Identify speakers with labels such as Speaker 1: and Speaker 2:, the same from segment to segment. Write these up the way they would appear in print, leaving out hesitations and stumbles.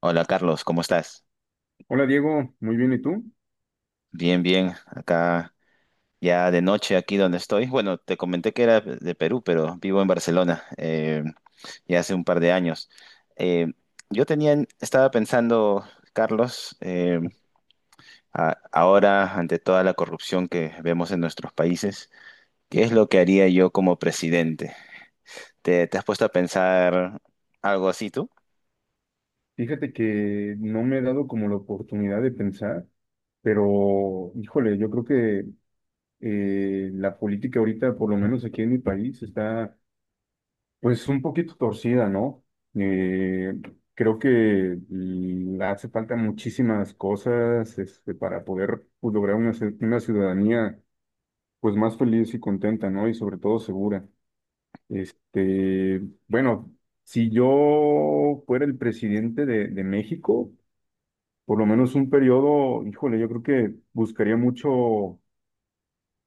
Speaker 1: Hola Carlos, ¿cómo estás?
Speaker 2: Hola Diego, muy bien, ¿y tú?
Speaker 1: Bien, bien. Acá ya de noche, aquí donde estoy. Bueno, te comenté que era de Perú, pero vivo en Barcelona ya hace un par de años. Eh, yo tenía, estaba pensando, Carlos, ahora ante toda la corrupción que vemos en nuestros países, ¿qué es lo que haría yo como presidente? Te has puesto a pensar algo así tú?
Speaker 2: Fíjate que no me he dado como la oportunidad de pensar, pero híjole, yo creo que la política ahorita, por lo menos aquí en mi país, está pues un poquito torcida, ¿no? Eh, creo que hace falta muchísimas cosas este, para poder pues, lograr una, una ciudadanía pues más feliz y contenta, ¿no? Y sobre todo segura. Este, bueno, si yo fuera el presidente de México, por lo menos un periodo, híjole, yo creo que buscaría mucho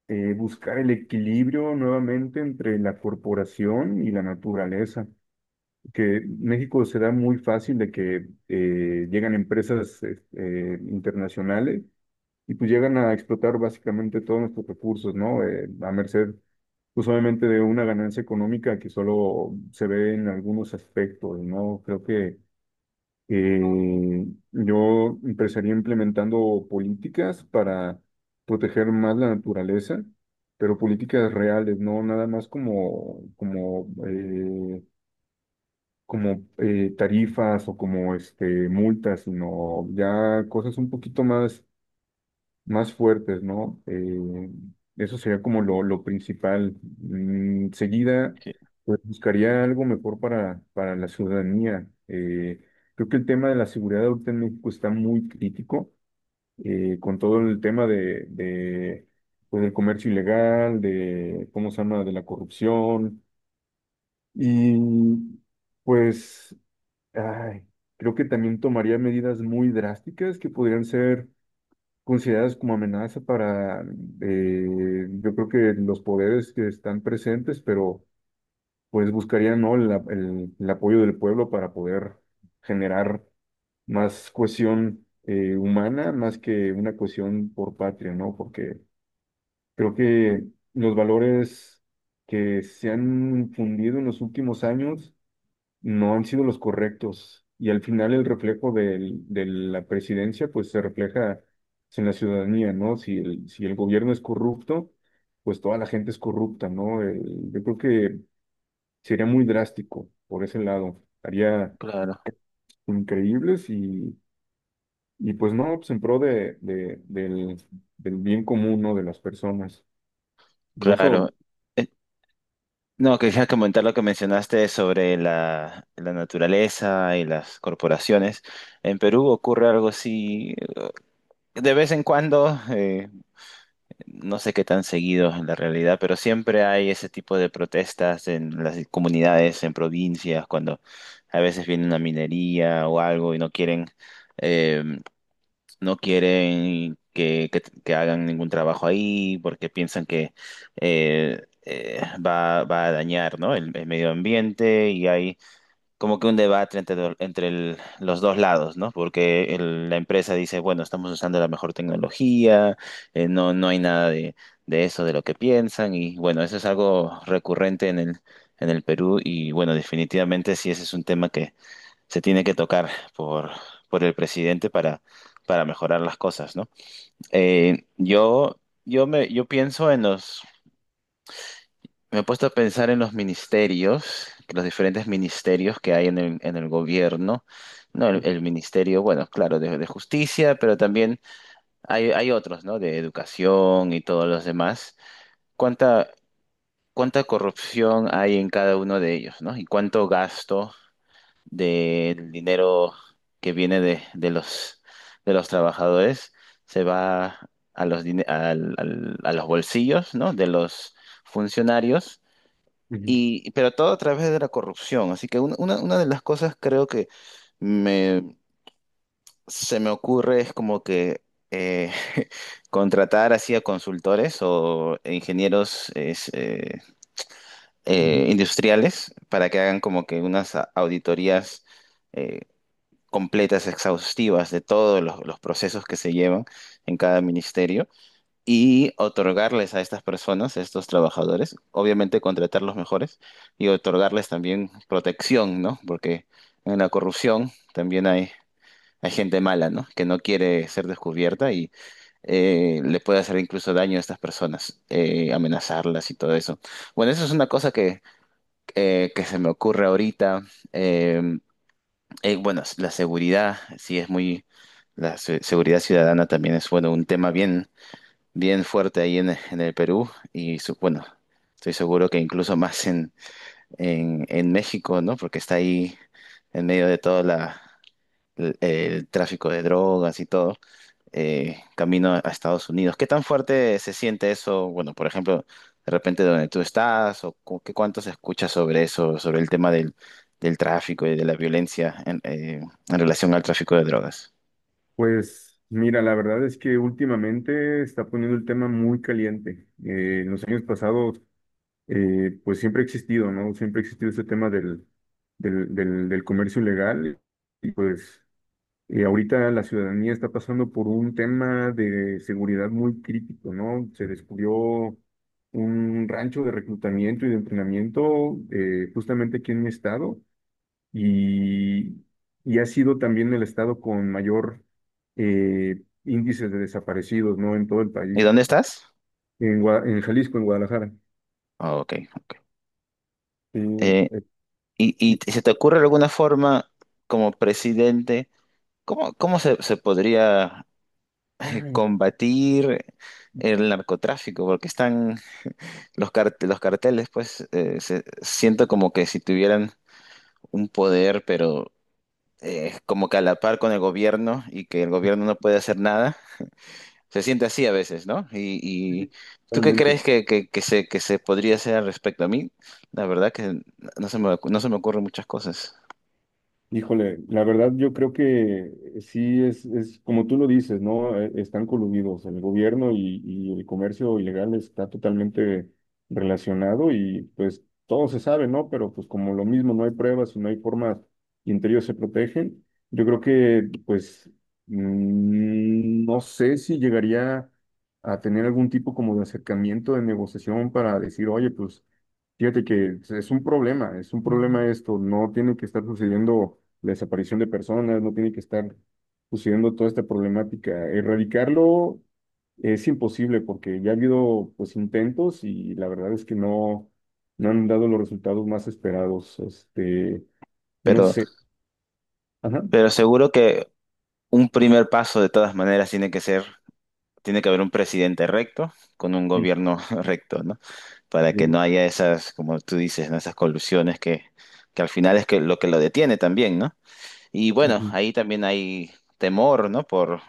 Speaker 2: buscar el equilibrio nuevamente entre la corporación y la naturaleza, que México se da muy fácil de que llegan empresas internacionales y pues llegan a explotar básicamente todos nuestros recursos, ¿no? A merced pues obviamente de una ganancia económica que solo se ve en algunos aspectos, ¿no? Creo que eh, yo empezaría implementando políticas para proteger más la naturaleza, pero políticas reales, no nada más como tarifas o como este, multas, sino ya cosas un poquito más fuertes, ¿no? Eso sería como lo principal. Enseguida,
Speaker 1: Sí,
Speaker 2: pues buscaría algo mejor para la ciudadanía. Creo que el tema de la seguridad ahorita en México está muy crítico, con todo el tema de, pues, del comercio ilegal, de, ¿cómo se llama?, de la corrupción. Y pues, ay, creo que también tomaría medidas muy drásticas que podrían ser consideradas como amenaza para, yo creo que los poderes que están presentes, pero pues buscarían, ¿no?, el apoyo del pueblo para poder generar más cohesión humana, más que una cohesión por patria, ¿no? Porque creo que los valores que se han fundido en los últimos años no han sido los correctos. Y al final el reflejo de la presidencia, pues se refleja pues, en la ciudadanía, ¿no? Si el, si el gobierno es corrupto, pues toda la gente es corrupta, ¿no? Yo creo que sería muy drástico por ese lado. Haría
Speaker 1: claro.
Speaker 2: increíbles y pues no, pues en pro de, del, del bien común, ¿no? De las personas. Por
Speaker 1: Claro.
Speaker 2: eso...
Speaker 1: No, quería comentar lo que mencionaste sobre la naturaleza y las corporaciones. En Perú ocurre algo así de vez en cuando, no sé qué tan seguido en la realidad, pero siempre hay ese tipo de protestas en las comunidades, en provincias, cuando a veces viene una minería o algo y no quieren eh, no quieren que hagan ningún trabajo ahí porque piensan que va a dañar, ¿no?, el medio ambiente, y hay como que un debate entre, entre los dos lados, ¿no? Porque la empresa dice, bueno, estamos usando la mejor tecnología, no, no hay nada de eso, de lo que piensan. Y bueno, eso es algo recurrente en en el Perú. Y bueno, definitivamente sí, ese es un tema se tiene que tocar por, por el presidente para mejorar las cosas, ¿no? Eh, yo, yo me, yo pienso en los, me he puesto a pensar en los ministerios, los diferentes ministerios que hay en en el gobierno, ¿no?
Speaker 2: ¿No?
Speaker 1: El ministerio, bueno, claro, de justicia, pero también hay otros, ¿no? De educación y todos los demás. ¿Cuánta, cuánta corrupción hay en cada uno de ellos, ¿no? Y cuánto gasto del dinero que viene de los trabajadores se va a los, a los bolsillos, ¿no?, de los funcionarios,
Speaker 2: Ujú,
Speaker 1: y, pero todo a través de la corrupción. Así que una de las cosas creo que me, se me ocurre es como que eh, contratar así a consultores o ingenieros es,
Speaker 2: ujú.
Speaker 1: industriales, para que hagan como que unas auditorías eh, completas, exhaustivas, de todos los procesos que se llevan en cada ministerio, y otorgarles a estas personas, a estos trabajadores, obviamente contratar los mejores, y otorgarles también protección, ¿no? Porque en la corrupción también hay gente mala, ¿no? Que no quiere ser descubierta, y le puede hacer incluso daño a estas personas, amenazarlas y todo eso. Bueno, eso es una cosa que se me ocurre ahorita. Eh, bueno, la seguridad, sí es muy, la seguridad ciudadana también es, bueno, un tema bien, bien fuerte ahí en el Perú. Y, bueno, estoy seguro que incluso más en México, ¿no? Porque está ahí en medio de todo la, el tráfico de drogas y todo camino a Estados Unidos. ¿Qué tan fuerte se siente eso? Bueno, por ejemplo, de repente donde tú estás, o qué cuánto se escucha sobre eso, sobre el tema del, del tráfico y de la violencia en relación al tráfico de drogas.
Speaker 2: Pues mira, la verdad es que últimamente está poniendo el tema muy caliente. En los años pasados, pues siempre ha existido, ¿no? Siempre ha existido este tema del comercio ilegal. Y pues ahorita la ciudadanía está pasando por un tema de seguridad muy crítico, ¿no? Se descubrió un rancho de reclutamiento y de entrenamiento justamente aquí en mi estado y, y ha sido también el estado con mayor índice de desaparecidos, ¿no? En todo el
Speaker 1: ¿Y
Speaker 2: país,
Speaker 1: dónde estás?
Speaker 2: en, en Jalisco, en Guadalajara.
Speaker 1: Ah, ok, ok.
Speaker 2: Eh,
Speaker 1: Eh,
Speaker 2: eh, y-
Speaker 1: y se te ocurre alguna forma como presidente, ¿cómo, cómo se, se podría
Speaker 2: ah,
Speaker 1: combatir el narcotráfico? Porque están los, los carteles, pues siento como que si tuvieran un poder, pero como que a la par con el gobierno, y que el gobierno no puede hacer nada. Se siente así a veces, ¿no? Y
Speaker 2: sí,
Speaker 1: ¿tú qué
Speaker 2: realmente,
Speaker 1: crees que, que se podría hacer al respecto? A mí, la verdad que no se me, no se me ocurren muchas cosas,
Speaker 2: híjole, la verdad yo creo que sí es como tú lo dices, ¿no? Están coludidos, el gobierno y el comercio ilegal está totalmente relacionado y pues todo se sabe, ¿no? Pero pues como lo mismo no hay pruebas y no hay formas y entre ellos se protegen, yo creo que pues no sé si llegaría a tener algún tipo como de acercamiento de negociación para decir, oye, pues... Fíjate que es un problema esto, no tiene que estar sucediendo la desaparición de personas, no tiene que estar sucediendo toda esta problemática. Erradicarlo es imposible porque ya ha habido pues intentos y la verdad es que no, no han dado los resultados más esperados. Este, no
Speaker 1: pero,
Speaker 2: sé. Ajá.
Speaker 1: pero seguro que un primer paso de todas maneras tiene que ser, tiene que haber un presidente recto con un
Speaker 2: Sí.
Speaker 1: gobierno recto, ¿no? Para que
Speaker 2: Ujú.
Speaker 1: no haya esas, como tú dices, ¿no? Esas colusiones que al final es que lo detiene también, ¿no? Y bueno, ahí también hay temor, ¿no?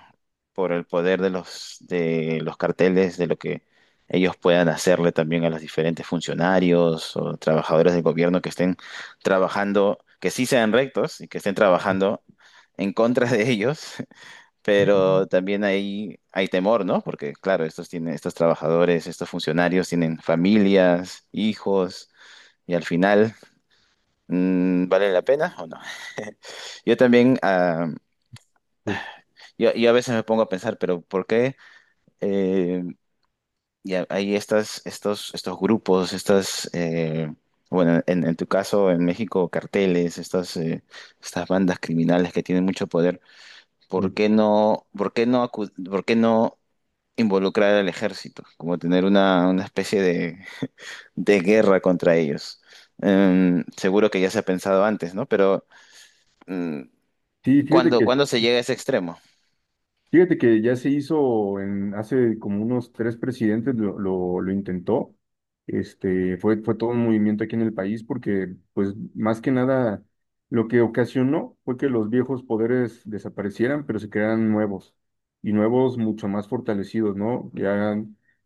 Speaker 1: Por el poder de los carteles, de lo que ellos puedan hacerle también a los diferentes funcionarios o trabajadores del gobierno que estén trabajando, que sí sean rectos y que estén trabajando en contra de ellos,
Speaker 2: Ujú.
Speaker 1: pero también hay temor, ¿no? Porque claro, estos tienen, estos trabajadores, estos funcionarios tienen familias, hijos, y al final, mm, ¿vale la pena o no? Yo también
Speaker 2: Pues,
Speaker 1: yo, yo a veces me pongo a pensar, pero ¿por qué eh, y hay estas, estos, estos grupos, estas, bueno, en tu caso, en México, carteles, estas, estas bandas criminales que tienen mucho poder? ¿Por qué no, por qué no, por qué no involucrar al ejército? Como tener una especie de guerra contra ellos. Seguro que ya se ha pensado antes, ¿no? Pero mm,
Speaker 2: sí,
Speaker 1: ¿cuándo, cuándo se llega a ese extremo?
Speaker 2: fíjate que ya se hizo en, hace como unos tres presidentes lo intentó. Este, fue, fue todo un movimiento aquí en el país porque, pues, más que nada, lo que ocasionó fue que los viejos poderes desaparecieran, pero se crearan nuevos y nuevos mucho más fortalecidos, ¿no? Ya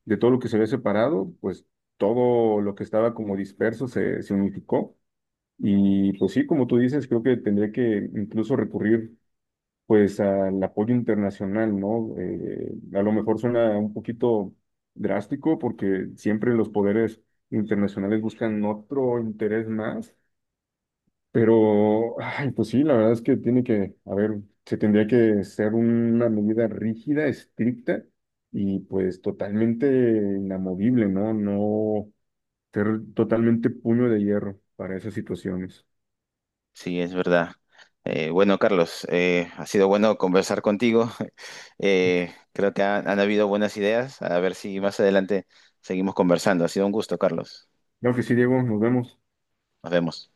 Speaker 2: de todo lo que se había separado, pues todo lo que estaba como disperso se, se unificó. Y pues sí, como tú dices, creo que tendría que incluso recurrir pues al apoyo internacional, ¿no? A lo mejor suena un poquito drástico porque siempre los poderes internacionales buscan otro interés más, pero, ay, pues sí, la verdad es que tiene que, a ver, se tendría que ser una medida rígida, estricta y pues totalmente inamovible, ¿no? No ser totalmente puño de hierro para esas situaciones.
Speaker 1: Sí, es verdad. Bueno, Carlos, ha sido bueno conversar contigo. Creo que han habido buenas ideas. A ver si más adelante seguimos conversando. Ha sido un gusto, Carlos.
Speaker 2: Creo que sí, Diego, nos vemos.
Speaker 1: Nos vemos.